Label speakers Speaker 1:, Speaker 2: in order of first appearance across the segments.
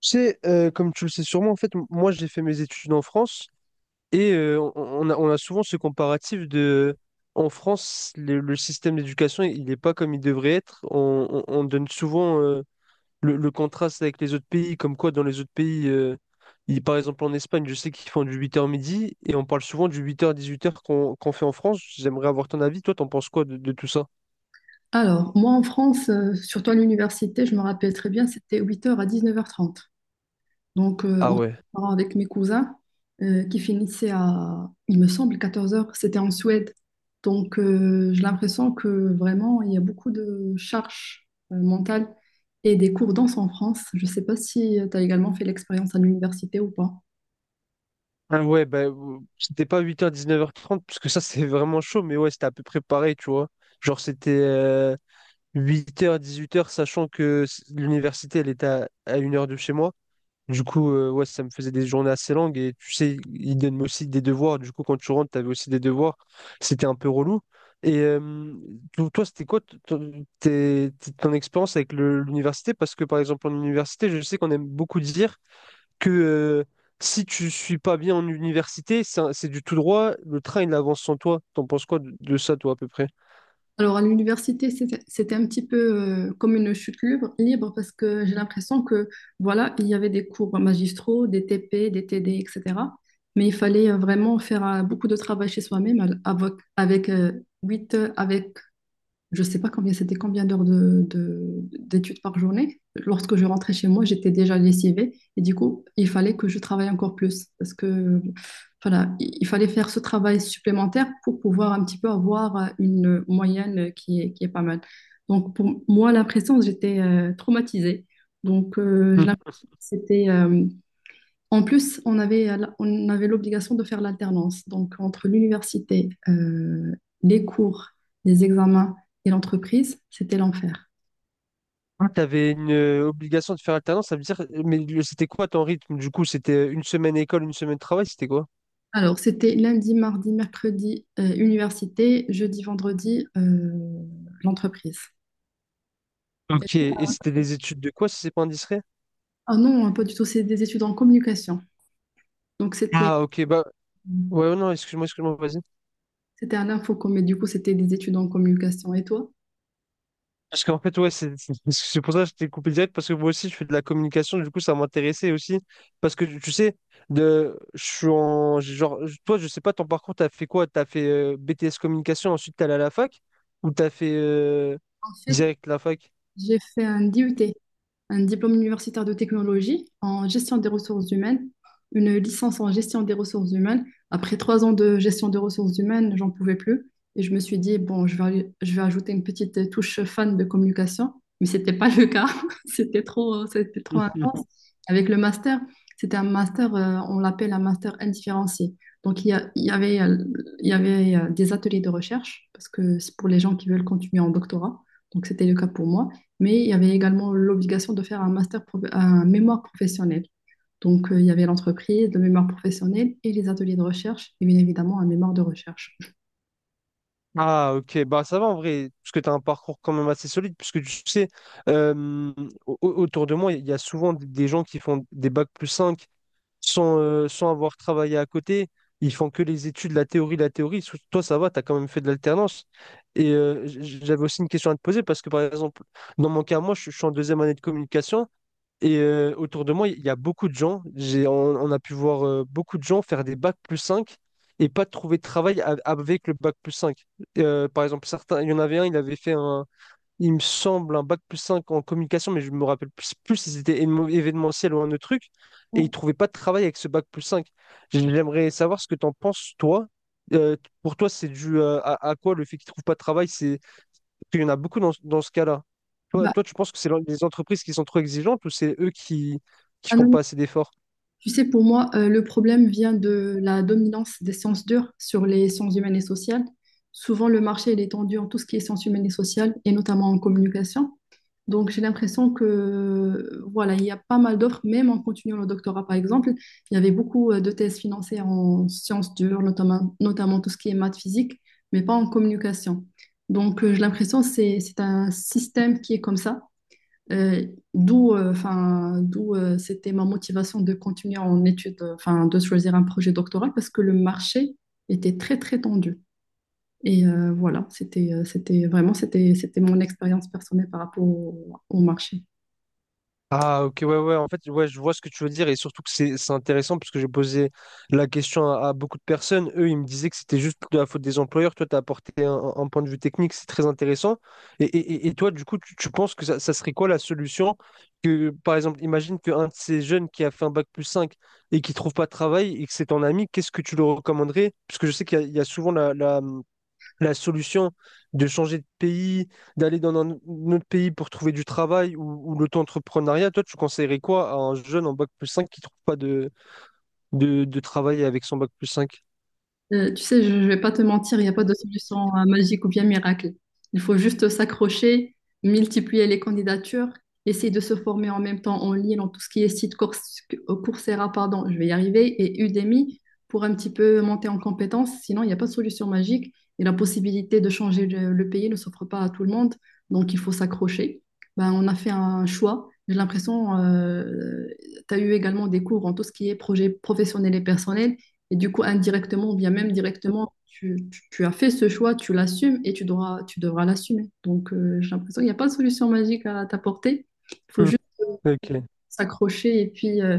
Speaker 1: Tu sais, comme tu le sais sûrement, en fait, moi j'ai fait mes études en France et on a souvent ce comparatif de en France, le système d'éducation, il n'est pas comme il devrait être. On donne souvent le contraste avec les autres pays, comme quoi dans les autres pays, par exemple en Espagne, je sais qu'ils font du 8h-midi et on parle souvent du 8h-18h qu'on fait en France. J'aimerais avoir ton avis. Toi, t'en penses quoi de tout ça?
Speaker 2: Alors, moi en France, surtout à l'université, je me rappelle très bien, c'était 8 heures à 19h30. Donc,
Speaker 1: Ah
Speaker 2: on se
Speaker 1: ouais.
Speaker 2: prépare avec mes cousins qui finissaient à, il me semble, 14 heures. C'était en Suède. Donc, j'ai l'impression que vraiment, il y a beaucoup de charges mentales et des cours danse en France. Je ne sais pas si tu as également fait l'expérience à l'université ou pas.
Speaker 1: Ah ouais, bah, c'était pas 8h-19h30 parce que ça, c'est vraiment chaud, mais ouais, c'était à peu près pareil, tu vois. Genre, c'était 8h-18h sachant que l'université, elle était à 1 heure de chez moi. Du coup, ouais, ça me faisait des journées assez longues, et tu sais, ils donnent aussi des devoirs. Du coup, quand tu rentres, t'avais aussi des devoirs. C'était un peu relou. Et toi, c'était quoi ton expérience avec l'université? Parce que, par exemple, en université, je sais qu'on aime beaucoup dire que si tu suis pas bien en université, c'est du tout droit, le train il avance sans toi. T'en penses quoi de ça, toi, à peu près?
Speaker 2: Alors, à l'université, c'était un petit peu comme une chute libre parce que j'ai l'impression que, voilà, il y avait des cours magistraux, des TP, des TD, etc. Mais il fallait vraiment faire beaucoup de travail chez soi-même avec 8, je sais pas combien d'heures d'études par journée. Lorsque je rentrais chez moi, j'étais déjà lessivée et du coup, il fallait que je travaille encore plus parce que voilà, il fallait faire ce travail supplémentaire pour pouvoir un petit peu avoir une moyenne qui est pas mal. Donc pour moi, la pression, j'étais traumatisée. Donc je
Speaker 1: Hmm.
Speaker 2: l'impression que c'était en plus, on avait l'obligation de faire l'alternance. Donc, entre l'université, les cours, les examens et l'entreprise, c'était l'enfer.
Speaker 1: Ah, t'avais une obligation de faire alternance, ça veut dire, mais c'était quoi ton rythme? Du coup, c'était une semaine école, une semaine travail, c'était quoi?
Speaker 2: Alors, c'était lundi, mardi, mercredi, université, jeudi, vendredi, l'entreprise.
Speaker 1: Ok, et c'était des études de quoi, si c'est pas indiscret?
Speaker 2: Ah non, hein, pas du tout, c'est des études en communication. Donc, c'était
Speaker 1: Ah, ok, bah, ouais, non, excuse-moi, excuse-moi, vas-y.
Speaker 2: c'était à l'infocom, mais du coup, c'était des études en communication. Et toi?
Speaker 1: Parce qu'en fait, ouais, c'est pour ça que je t'ai coupé direct, parce que moi aussi, je fais de la communication, du coup, ça m'intéressait aussi. Parce que tu sais, je suis en. J'ai Genre, toi, je sais pas, ton parcours, t'as fait quoi? T'as fait BTS communication, ensuite t'es allé à la fac, ou t'as fait
Speaker 2: En fait,
Speaker 1: direct la fac?
Speaker 2: j'ai fait un DUT. Un diplôme universitaire de technologie en gestion des ressources humaines, une licence en gestion des ressources humaines. Après 3 ans de gestion des ressources humaines, j'en pouvais plus. Et je me suis dit, bon, je vais ajouter une petite touche fan de communication. Mais ce n'était pas le cas. C'était trop intense. Avec le master, c'était un master, on l'appelle un master indifférencié. Donc, il y avait des ateliers de recherche, parce que c'est pour les gens qui veulent continuer en doctorat. Donc, c'était le cas pour moi. Mais il y avait également l'obligation de faire un master, un mémoire professionnel. Donc, il y avait l'entreprise, le mémoire professionnel et les ateliers de recherche, et bien évidemment un mémoire de recherche.
Speaker 1: Ah, ok, bah ça va en vrai, parce que tu as un parcours quand même assez solide, puisque tu sais, euh, autour de moi, il y a souvent des gens qui font des bacs+5 sans avoir travaillé à côté. Ils font que les études, la théorie, la théorie. Toi, ça va, tu as quand même fait de l'alternance. Et j'avais aussi une question à te poser parce que, par exemple, dans mon cas, moi, je suis en deuxième année de communication et autour de moi, il y a beaucoup de gens. On a pu voir beaucoup de gens faire des bacs+5 et pas trouver de travail avec le bac+5. Par exemple, certains, il y en avait un, il me semble, un bac+5 en communication, mais je me rappelle plus, si c'était événementiel ou un autre truc, et
Speaker 2: Ouais.
Speaker 1: il trouvait pas de travail avec ce bac+5. J'aimerais savoir ce que tu en penses, toi. Euh, pour toi, c'est dû à, quoi le fait qu'il trouve pas de travail? C'est... parce qu'il y en a beaucoup dans, ce cas-là. Toi,
Speaker 2: Bah,
Speaker 1: toi, tu penses que les entreprises qui sont trop exigeantes ou c'est eux qui
Speaker 2: ah
Speaker 1: font
Speaker 2: non, non.
Speaker 1: pas assez d'efforts?
Speaker 2: Tu sais, pour moi, le problème vient de la dominance des sciences dures sur les sciences humaines et sociales. Souvent, le marché il est tendu en tout ce qui est sciences humaines et sociales, et notamment en communication. Donc, j'ai l'impression que, voilà, il y a pas mal d'offres, même en continuant le doctorat, par exemple. Il y avait beaucoup de thèses financées en sciences dures, notamment tout ce qui est maths physique, mais pas en communication. Donc, j'ai l'impression que c'est un système qui est comme ça, euh, d'où enfin, d'où c'était ma motivation de continuer en études, enfin, de choisir un projet doctoral, parce que le marché était très, très tendu. Et voilà, c'était, c'était mon expérience personnelle par rapport au marché.
Speaker 1: Ah, ok, ouais, ouais, en fait, ouais, je vois ce que tu veux dire et surtout que c'est intéressant parce que j'ai posé la question à beaucoup de personnes. Eux, ils me disaient que c'était juste de la faute des employeurs. Toi, tu as apporté un point de vue technique, c'est très intéressant. Et, et toi du coup tu penses que ça serait quoi la solution? Que par exemple imagine qu'un de ces jeunes qui a fait un bac plus 5 et qui trouve pas de travail et que c'est ton ami, qu'est-ce que tu le recommanderais? Parce que je sais qu'il y a souvent la solution de changer de pays, d'aller dans un autre pays pour trouver du travail, ou l'auto-entrepreneuriat. Toi, tu conseillerais quoi à un jeune en bac+5 qui trouve pas de travail avec son bac+5?
Speaker 2: Tu sais, je ne vais pas te mentir, il n'y a pas de solution magique ou bien miracle. Il faut juste s'accrocher, multiplier les candidatures, essayer de se former en même temps en ligne, dans tout ce qui est site Cours- Coursera, pardon, je vais y arriver, et Udemy pour un petit peu monter en compétence. Sinon, il n'y a pas de solution magique et la possibilité de changer le pays ne s'offre pas à tout le monde. Donc, il faut s'accrocher. Ben, on a fait un choix. J'ai l'impression, tu as eu également des cours en tout ce qui est projet professionnel et personnel. Et du coup, indirectement, ou bien même directement, tu- tu as fait ce choix, tu l'assumes et tu devras l'assumer. Donc, j'ai l'impression qu'il n'y a pas de solution magique à t'apporter. Il faut
Speaker 1: Hmm,
Speaker 2: juste
Speaker 1: Ok.
Speaker 2: s'accrocher.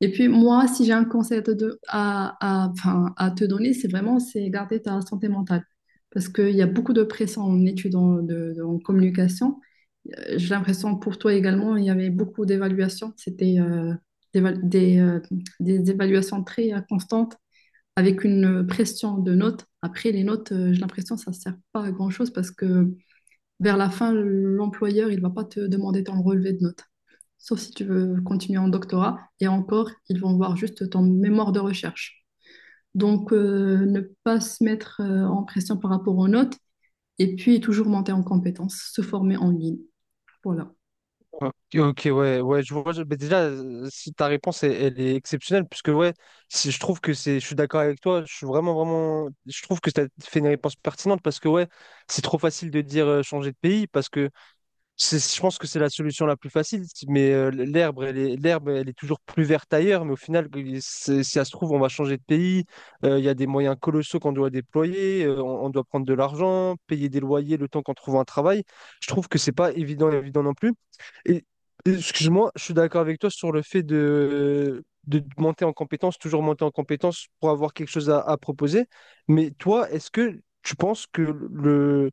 Speaker 2: Et puis, moi, si j'ai un conseil à te, do- à- enfin, à te donner, c'est vraiment c'est garder ta santé mentale. Parce qu'il y a beaucoup de pression en études en, de- en communication. J'ai l'impression pour toi également, il y avait beaucoup d'évaluations. C'était d'éva- des évaluations très constantes avec une pression de notes. Après, les notes, j'ai l'impression que ça ne sert pas à grand-chose parce que vers la fin, l'employeur, il ne va pas te demander ton relevé de notes, sauf si tu veux continuer en doctorat. Et encore, ils vont voir juste ton mémoire de recherche. Donc, ne pas se mettre en pression par rapport aux notes et puis toujours monter en compétences, se former en ligne. Voilà.
Speaker 1: Ok, ok, ouais, ouais, je vois. Bah déjà, si ta réponse, elle, est exceptionnelle, puisque ouais, si je trouve que c'est, je suis d'accord avec toi. Je suis vraiment, vraiment, je trouve que tu as fait une réponse pertinente parce que ouais, c'est trop facile de dire changer de pays parce que je pense que c'est la solution la plus facile, si, mais l'herbe, elle est toujours plus verte ailleurs. Mais au final, si ça se trouve, on va changer de pays. Il y a des moyens colossaux qu'on doit déployer. On doit prendre de l'argent, payer des loyers le temps qu'on trouve un travail. Je trouve que c'est pas évident non plus. Et excuse-moi, je suis d'accord avec toi sur le fait de monter en compétence, toujours monter en compétence pour avoir quelque chose à proposer. Mais toi, est-ce que tu penses que le...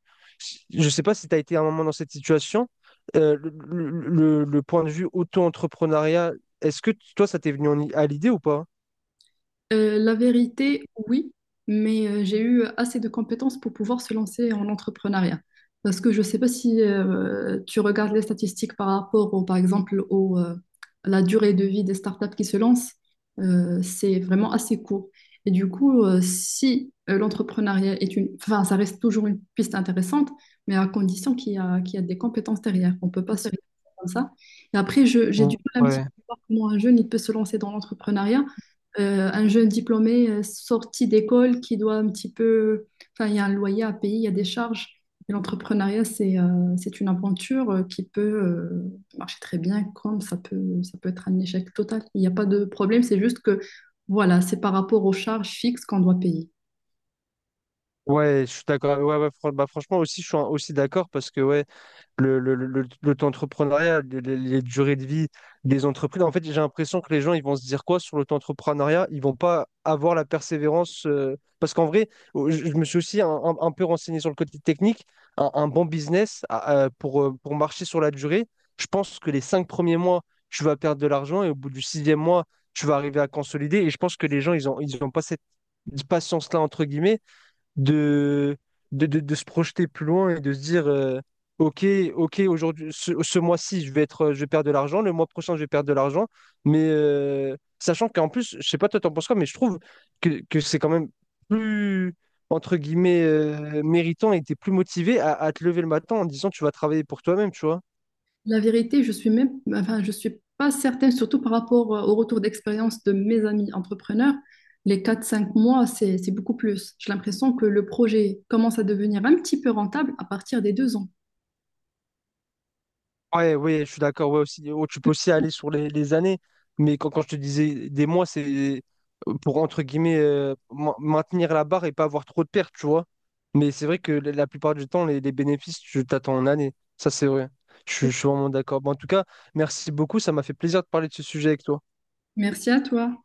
Speaker 1: Je ne sais pas si tu as été à un moment dans cette situation, euh, le point de vue auto-entrepreneuriat, est-ce que toi, ça t'est venu à l'idée ou pas?
Speaker 2: La vérité, oui, mais j'ai eu assez de compétences pour pouvoir se lancer en entrepreneuriat. Parce que je ne sais pas si tu regardes les statistiques par rapport, par exemple, à la durée de vie des startups qui se lancent, c'est vraiment assez court. Et du coup, si l'entrepreneuriat est une… Enfin, ça reste toujours une piste intéressante, mais à condition qu'il y a des compétences derrière. On ne peut pas se lancer comme ça. Et après, j'ai du mal un petit peu à voir comment un jeune il peut se lancer dans l'entrepreneuriat un jeune diplômé sorti d'école qui doit un petit peu, enfin, il y a un loyer à payer, il y a des charges. Et l'entrepreneuriat, c'est une aventure qui peut marcher très bien, comme ça peut être un échec total. Il n'y a pas de problème, c'est juste que, voilà, c'est par rapport aux charges fixes qu'on doit payer.
Speaker 1: Ouais, je suis d'accord. Ouais, ouais, bah, franchement, aussi, je suis aussi d'accord parce que ouais, l'auto-entrepreneuriat, les durées de vie des entreprises. En fait, j'ai l'impression que les gens, ils vont se dire quoi sur l'auto-entrepreneuriat? Ils vont pas avoir la persévérance. Parce qu'en vrai, je me suis aussi un peu renseigné sur le côté technique. Un bon business pour marcher sur la durée, je pense que les 5 premiers mois, tu vas perdre de l'argent et au bout du sixième mois, tu vas arriver à consolider. Et je pense que les gens, ils ont pas cette patience-là, entre guillemets, de, de se projeter plus loin et de se dire ok. Ok, aujourd'hui, ce mois-ci, je vais perdre de l'argent, le mois prochain je vais perdre de l'argent, mais sachant qu'en plus, je sais pas, toi t'en penses quoi, mais je trouve que c'est quand même plus, entre guillemets, méritant, et t'es plus motivé à, te lever le matin en disant tu vas travailler pour toi-même, tu vois.
Speaker 2: La vérité, je suis même, enfin, je suis pas certaine, surtout par rapport au retour d'expérience de mes amis entrepreneurs. Les 4, 5 mois, c'est beaucoup plus. J'ai l'impression que le projet commence à devenir un petit peu rentable à partir des 2 ans.
Speaker 1: Ouais, ouais, je suis d'accord. Ouais, aussi, oh, tu peux aussi aller sur les années, mais quand je te disais des mois, c'est pour, entre guillemets, maintenir la barre et pas avoir trop de pertes, tu vois. Mais c'est vrai que la plupart du temps, les, bénéfices, tu t'attends en année. Ça, c'est vrai. Je suis vraiment d'accord. Bon, en tout cas, merci beaucoup. Ça m'a fait plaisir de parler de ce sujet avec toi.
Speaker 2: Merci à toi.